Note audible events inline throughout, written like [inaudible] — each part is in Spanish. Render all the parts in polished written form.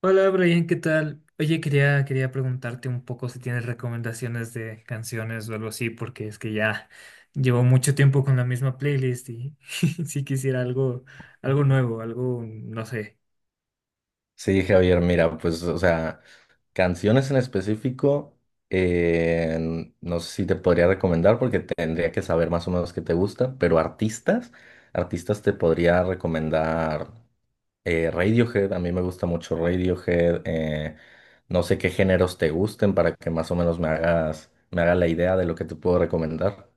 Hola Brian, ¿qué tal? Oye, quería preguntarte un poco si tienes recomendaciones de canciones o algo así, porque es que ya llevo mucho tiempo con la misma playlist y [laughs] si quisiera algo, algo nuevo, algo, no sé. Sí, Javier, mira, pues, o sea, canciones en específico, no sé si te podría recomendar porque tendría que saber más o menos qué te gusta, pero artistas te podría recomendar Radiohead. A mí me gusta mucho Radiohead. No sé qué géneros te gusten para que más o menos me haga la idea de lo que te puedo recomendar.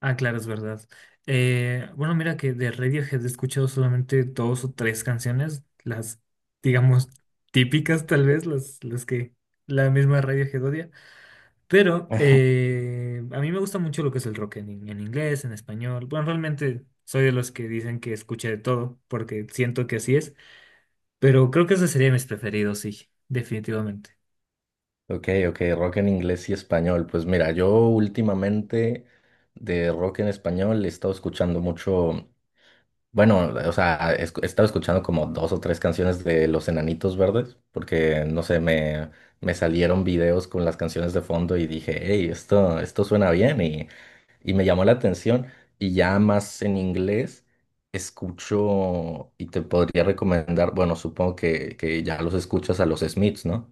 Ah, claro, es verdad. Bueno, mira que de Radiohead he escuchado solamente dos o tres canciones, las, digamos, típicas tal vez, las que la misma Radiohead odia. Pero a mí me gusta mucho lo que es el rock en inglés, en español. Bueno, realmente soy de los que dicen que escuché de todo, porque siento que así es, pero creo que esos serían mis preferidos, sí, definitivamente. Ok, ok, rock en inglés y español. Pues mira, yo últimamente de rock en español he estado escuchando mucho. Bueno, o sea, he estado escuchando como dos o tres canciones de Los Enanitos Verdes, porque no sé, me salieron videos con las canciones de fondo y dije, hey, esto suena bien y me llamó la atención. Y ya más en inglés escucho y te podría recomendar. Bueno, supongo que ya los escuchas a los Smiths, ¿no?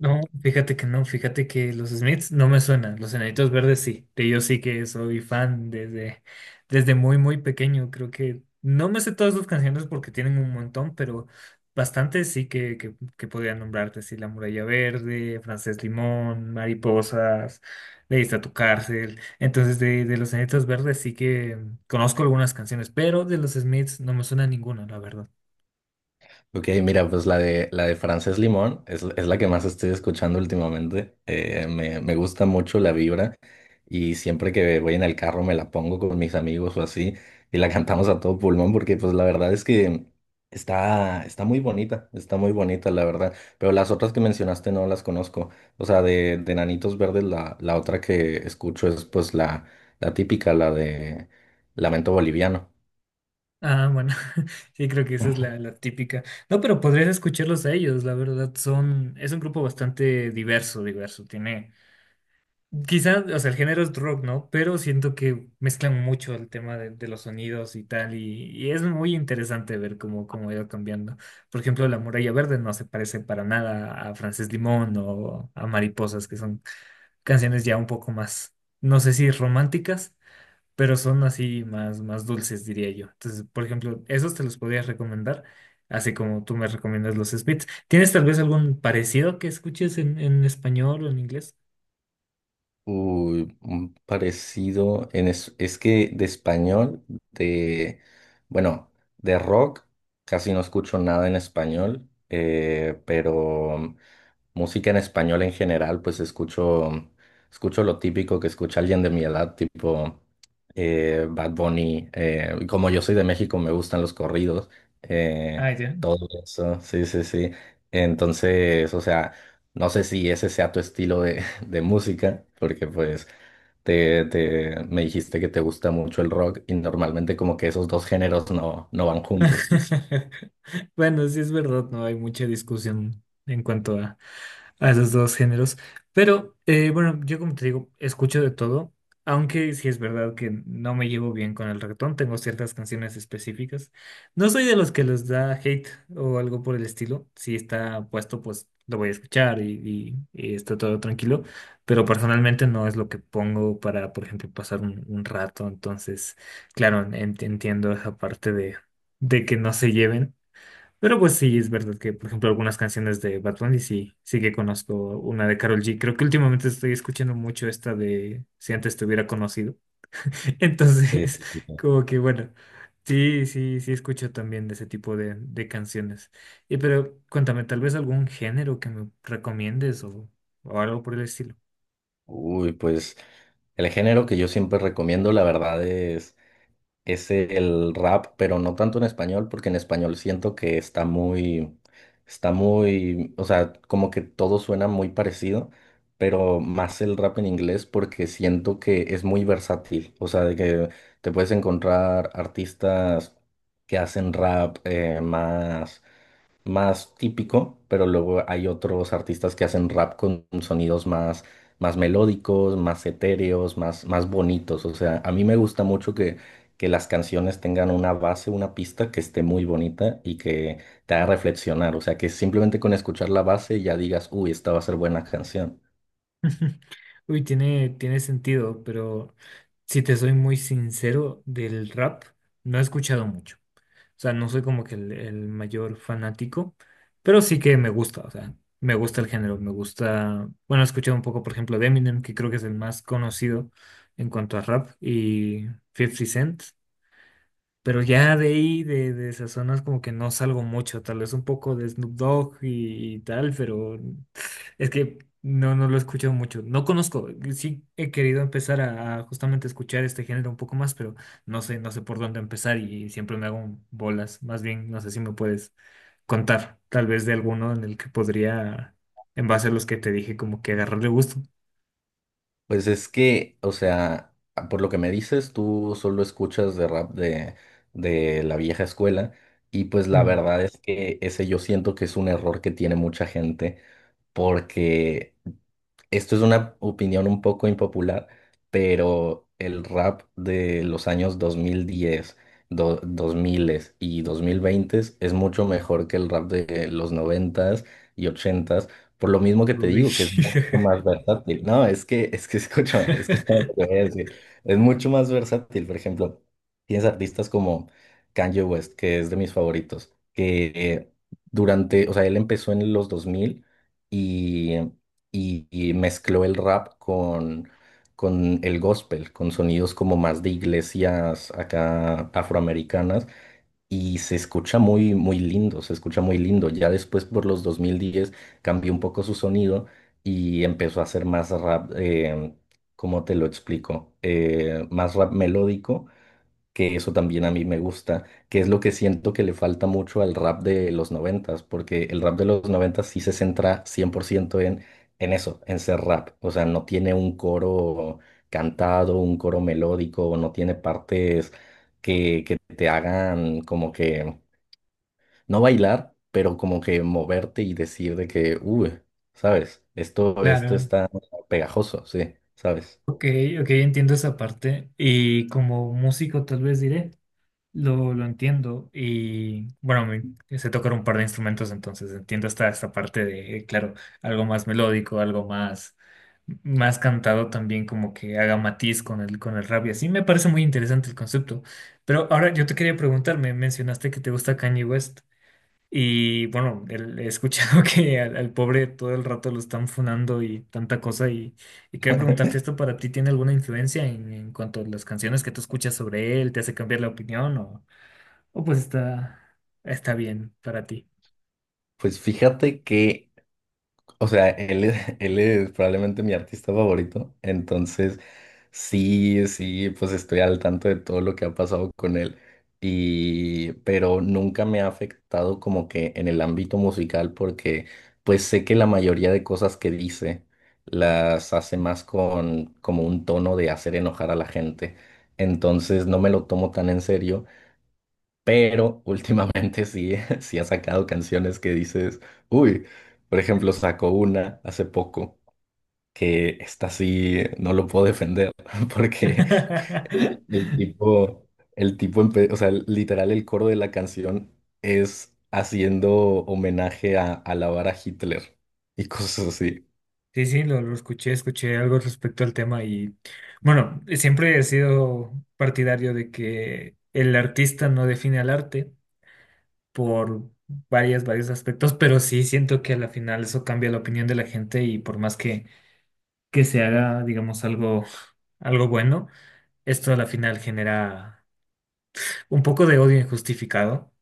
No, fíjate que no, fíjate que los Smiths no me suenan, los Enanitos Verdes sí, de ellos sí que soy fan desde, desde muy, muy pequeño, creo que no me sé todas sus canciones porque tienen un montón, pero bastantes sí que podría nombrarte, sí, La Muralla Verde, Francés Limón, Mariposas, Leíste a tu cárcel, entonces de los Enanitos Verdes sí que conozco algunas canciones, pero de los Smiths no me suena ninguna, la verdad. Ok, mira, pues la de Frances Limón es la que más estoy escuchando últimamente. Me gusta mucho la vibra y siempre que voy en el carro me la pongo con mis amigos o así y la [laughs] cantamos a todo pulmón, porque pues la verdad es que está muy bonita la verdad. Pero las otras que mencionaste no las conozco. O sea, de Nanitos Verdes la otra que escucho es pues la típica, la de Lamento Boliviano. Ah, bueno, [laughs] sí, creo que esa es la típica. No, pero podrías escucharlos a ellos, la verdad, son, es un grupo bastante diverso, tiene, quizás, o sea, el género es rock, ¿no? Pero siento que mezclan mucho el tema de los sonidos y tal, y es muy interesante ver cómo, cómo ha ido cambiando. Por ejemplo, La Muralla Verde no se parece para nada a Frances Limón o a Mariposas, que son canciones ya un poco más, no sé si románticas pero son así más, más dulces, diría yo. Entonces, por ejemplo, esos te los podría recomendar, así como tú me recomiendas los Smiths. ¿Tienes tal vez algún parecido que escuches en español o en inglés? Uy, un parecido es que de español, de, bueno, de rock, casi no escucho nada en español. Pero música en español en general, pues escucho lo típico que escucha alguien de mi edad, tipo Bad Bunny. Y como yo soy de México, me gustan los corridos, eh, Ah, ya. todo eso, sí, sí, sí. Entonces, o sea, no sé si ese sea tu estilo de música, porque pues me dijiste que te gusta mucho el rock y normalmente como que esos dos géneros no van juntos. [laughs] Bueno, sí es verdad, no hay mucha discusión a esos dos géneros, pero bueno, yo como te digo, escucho de todo, aunque sí es verdad que no me llevo bien con el reggaetón, tengo ciertas canciones específicas. No soy de los que les da hate o algo por el estilo, si está puesto pues lo voy a escuchar y, y está todo tranquilo, pero personalmente no es lo que pongo para, por ejemplo, pasar un rato, entonces... Claro, entiendo esa parte de que no se lleven. Pero pues sí, es verdad que, por ejemplo, algunas canciones de Bad Bunny sí, sí que conozco una de Karol G. Creo que últimamente estoy escuchando mucho esta de Si antes te hubiera conocido. [laughs] Eh, Entonces, como que bueno, sí, sí, sí escucho también de ese tipo de canciones. Y pero cuéntame, tal vez algún género que me recomiendes o algo por el estilo. Uy, pues el género que yo siempre recomiendo, la verdad, es el rap, pero no tanto en español, porque en español siento que está muy, o sea, como que todo suena muy parecido. Pero más el rap en inglés, porque siento que es muy versátil. O sea, de que te puedes encontrar artistas que hacen rap, más típico, pero luego hay otros artistas que hacen rap con sonidos más melódicos, más etéreos, más bonitos. O sea, a mí me gusta mucho que las canciones tengan una base, una pista que esté muy bonita y que te haga reflexionar. O sea, que simplemente con escuchar la base ya digas, uy, esta va a ser buena canción. [laughs] Uy, tiene sentido, pero si te soy muy sincero, del rap no he escuchado mucho. O sea, no soy como que el mayor fanático, pero sí que me gusta, o sea, me gusta el género, me gusta, bueno, he escuchado un poco, por ejemplo, de Eminem, que creo que es el más conocido en cuanto a rap, y 50 Cent, pero ya de ahí, de esas zonas, como que no salgo mucho, tal vez un poco de Snoop Dogg y tal, pero es que no, no lo he escuchado mucho. No conozco. Sí he querido empezar a justamente escuchar este género un poco más, pero no sé, no sé por dónde empezar y siempre me hago un bolas. Más bien, no sé si me puedes contar tal vez de alguno en el que podría, en base a los que te dije, como que agarrarle gusto. Pues es que, o sea, por lo que me dices, tú solo escuchas de rap de la vieja escuela. Y pues la Mm. verdad es que ese yo siento que es un error que tiene mucha gente, porque esto es una opinión un poco impopular, pero el rap de los años 2010 do- 2000 y 2020 es mucho mejor que el rap de los 90 y 80, por lo mismo que te Uy. digo, que es mucho más versátil. No, es que escúchame, [laughs] escúchame lo que [laughs] voy a decir. Es mucho más versátil. Por ejemplo, tienes artistas como Kanye West, que es de mis favoritos, que o sea, él empezó en los 2000 y mezcló el rap con el gospel, con sonidos como más de iglesias acá afroamericanas, y se escucha muy, muy lindo, se escucha muy lindo. Ya después por los 2010 cambió un poco su sonido y empezó a hacer más rap. ¿Cómo te lo explico? Más rap melódico, que eso también a mí me gusta, que es lo que siento que le falta mucho al rap de los noventas, porque el rap de los noventas sí se centra 100% en eso, en ser rap. O sea, no tiene un coro cantado, un coro melódico, no tiene partes que te hagan como que, no bailar, pero como que moverte y decir de que, uy, ¿sabes? Esto Claro. está pegajoso, sí, ¿sabes? Ok, ok, entiendo esa parte. Y como músico tal vez diré. Lo entiendo y bueno, me, sé tocar un par de instrumentos, entonces entiendo esta, esta parte de, claro, algo más melódico, algo más, más cantado también, como que haga matiz con el rap y así. Me parece muy interesante el concepto. Pero ahora yo te quería preguntar, me mencionaste que te gusta Kanye West y bueno, he escuchado [laughs] que al, al pobre todo el rato lo están funando y tanta cosa y quería preguntarte esto para ti, ¿tiene alguna influencia en cuanto a las canciones que tú escuchas sobre él? ¿Te hace cambiar la opinión o...? Oh, pues está, está bien para ti. Pues fíjate que o sea, él es, [laughs] él es probablemente mi artista favorito. Entonces sí, sí, pues estoy al tanto de todo lo que ha pasado con él. Y, pero nunca me ha afectado como que en el ámbito musical, porque pues sé que la mayoría de cosas que dice las hace más con como un tono de hacer enojar a la gente. Entonces no me lo tomo tan en serio. Pero últimamente sí, [laughs] sí ha sacado canciones que dices, uy. Por ejemplo, sacó una hace poco que esta sí no lo puedo defender [laughs] porque el [laughs] tipo, o sea, literal el coro de la canción es haciendo homenaje a alabar a Hitler y cosas así. Sí, sí, lo escuché, escuché algo respecto al tema y bueno, siempre he sido partidario de que el artista no define al arte por varios aspectos, pero sí siento que a la final eso cambia la opinión de la gente y por más que se haga, digamos, algo, algo bueno, esto a la final genera un poco de odio injustificado.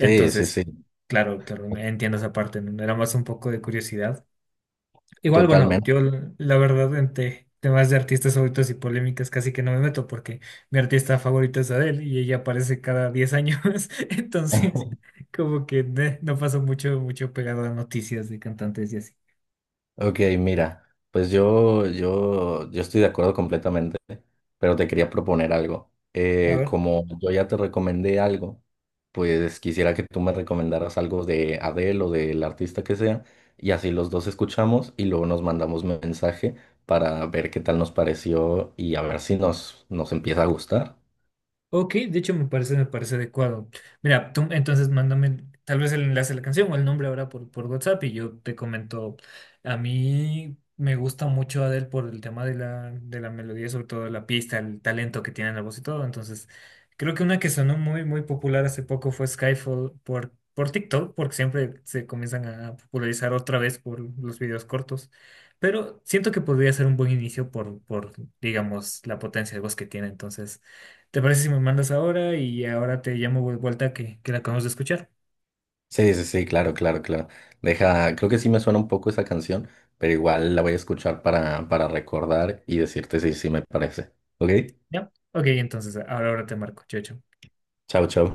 Sí, sí, sí, claro, claro, entiendo esa parte, ¿no? Era más un poco de curiosidad. Igual, bueno, totalmente. yo la verdad en temas de artistas favoritos y polémicas casi que no me meto porque mi artista favorito es Adele y ella aparece cada 10 años, [laughs] entonces como que no pasó mucho, mucho pegado a noticias de cantantes y así. Ok, mira, pues yo estoy de acuerdo completamente, pero te quería proponer algo. A ver. Como yo ya te recomendé algo, pues quisiera que tú me recomendaras algo de Adele o del artista que sea, y así los dos escuchamos y luego nos mandamos mensaje para ver qué tal nos pareció y a ver si nos empieza a gustar. Ok, de hecho me parece adecuado. Mira, tú entonces mándame tal vez el enlace de la canción o el nombre ahora por WhatsApp y yo te comento. A mí me gusta mucho Adele por el tema de de la melodía, sobre todo la pista, el talento que tiene en la voz y todo. Entonces, creo que una que sonó muy, muy popular hace poco fue Skyfall por TikTok, porque siempre se comienzan a popularizar otra vez por los videos cortos. Pero siento que podría ser un buen inicio por digamos, la potencia de voz que tiene. Entonces. ¿Te parece si me mandas ahora y ahora te llamo de vuelta que la acabamos de escuchar? Sí, sí, sí, claro, claro, claro. Deja, creo que sí me suena un poco esa canción, pero igual la voy a escuchar para recordar y decirte si sí me parece. ¿Ok? ¿Ya? Ok, entonces ahora ahora te marco. Chao, chao. Chao, chao.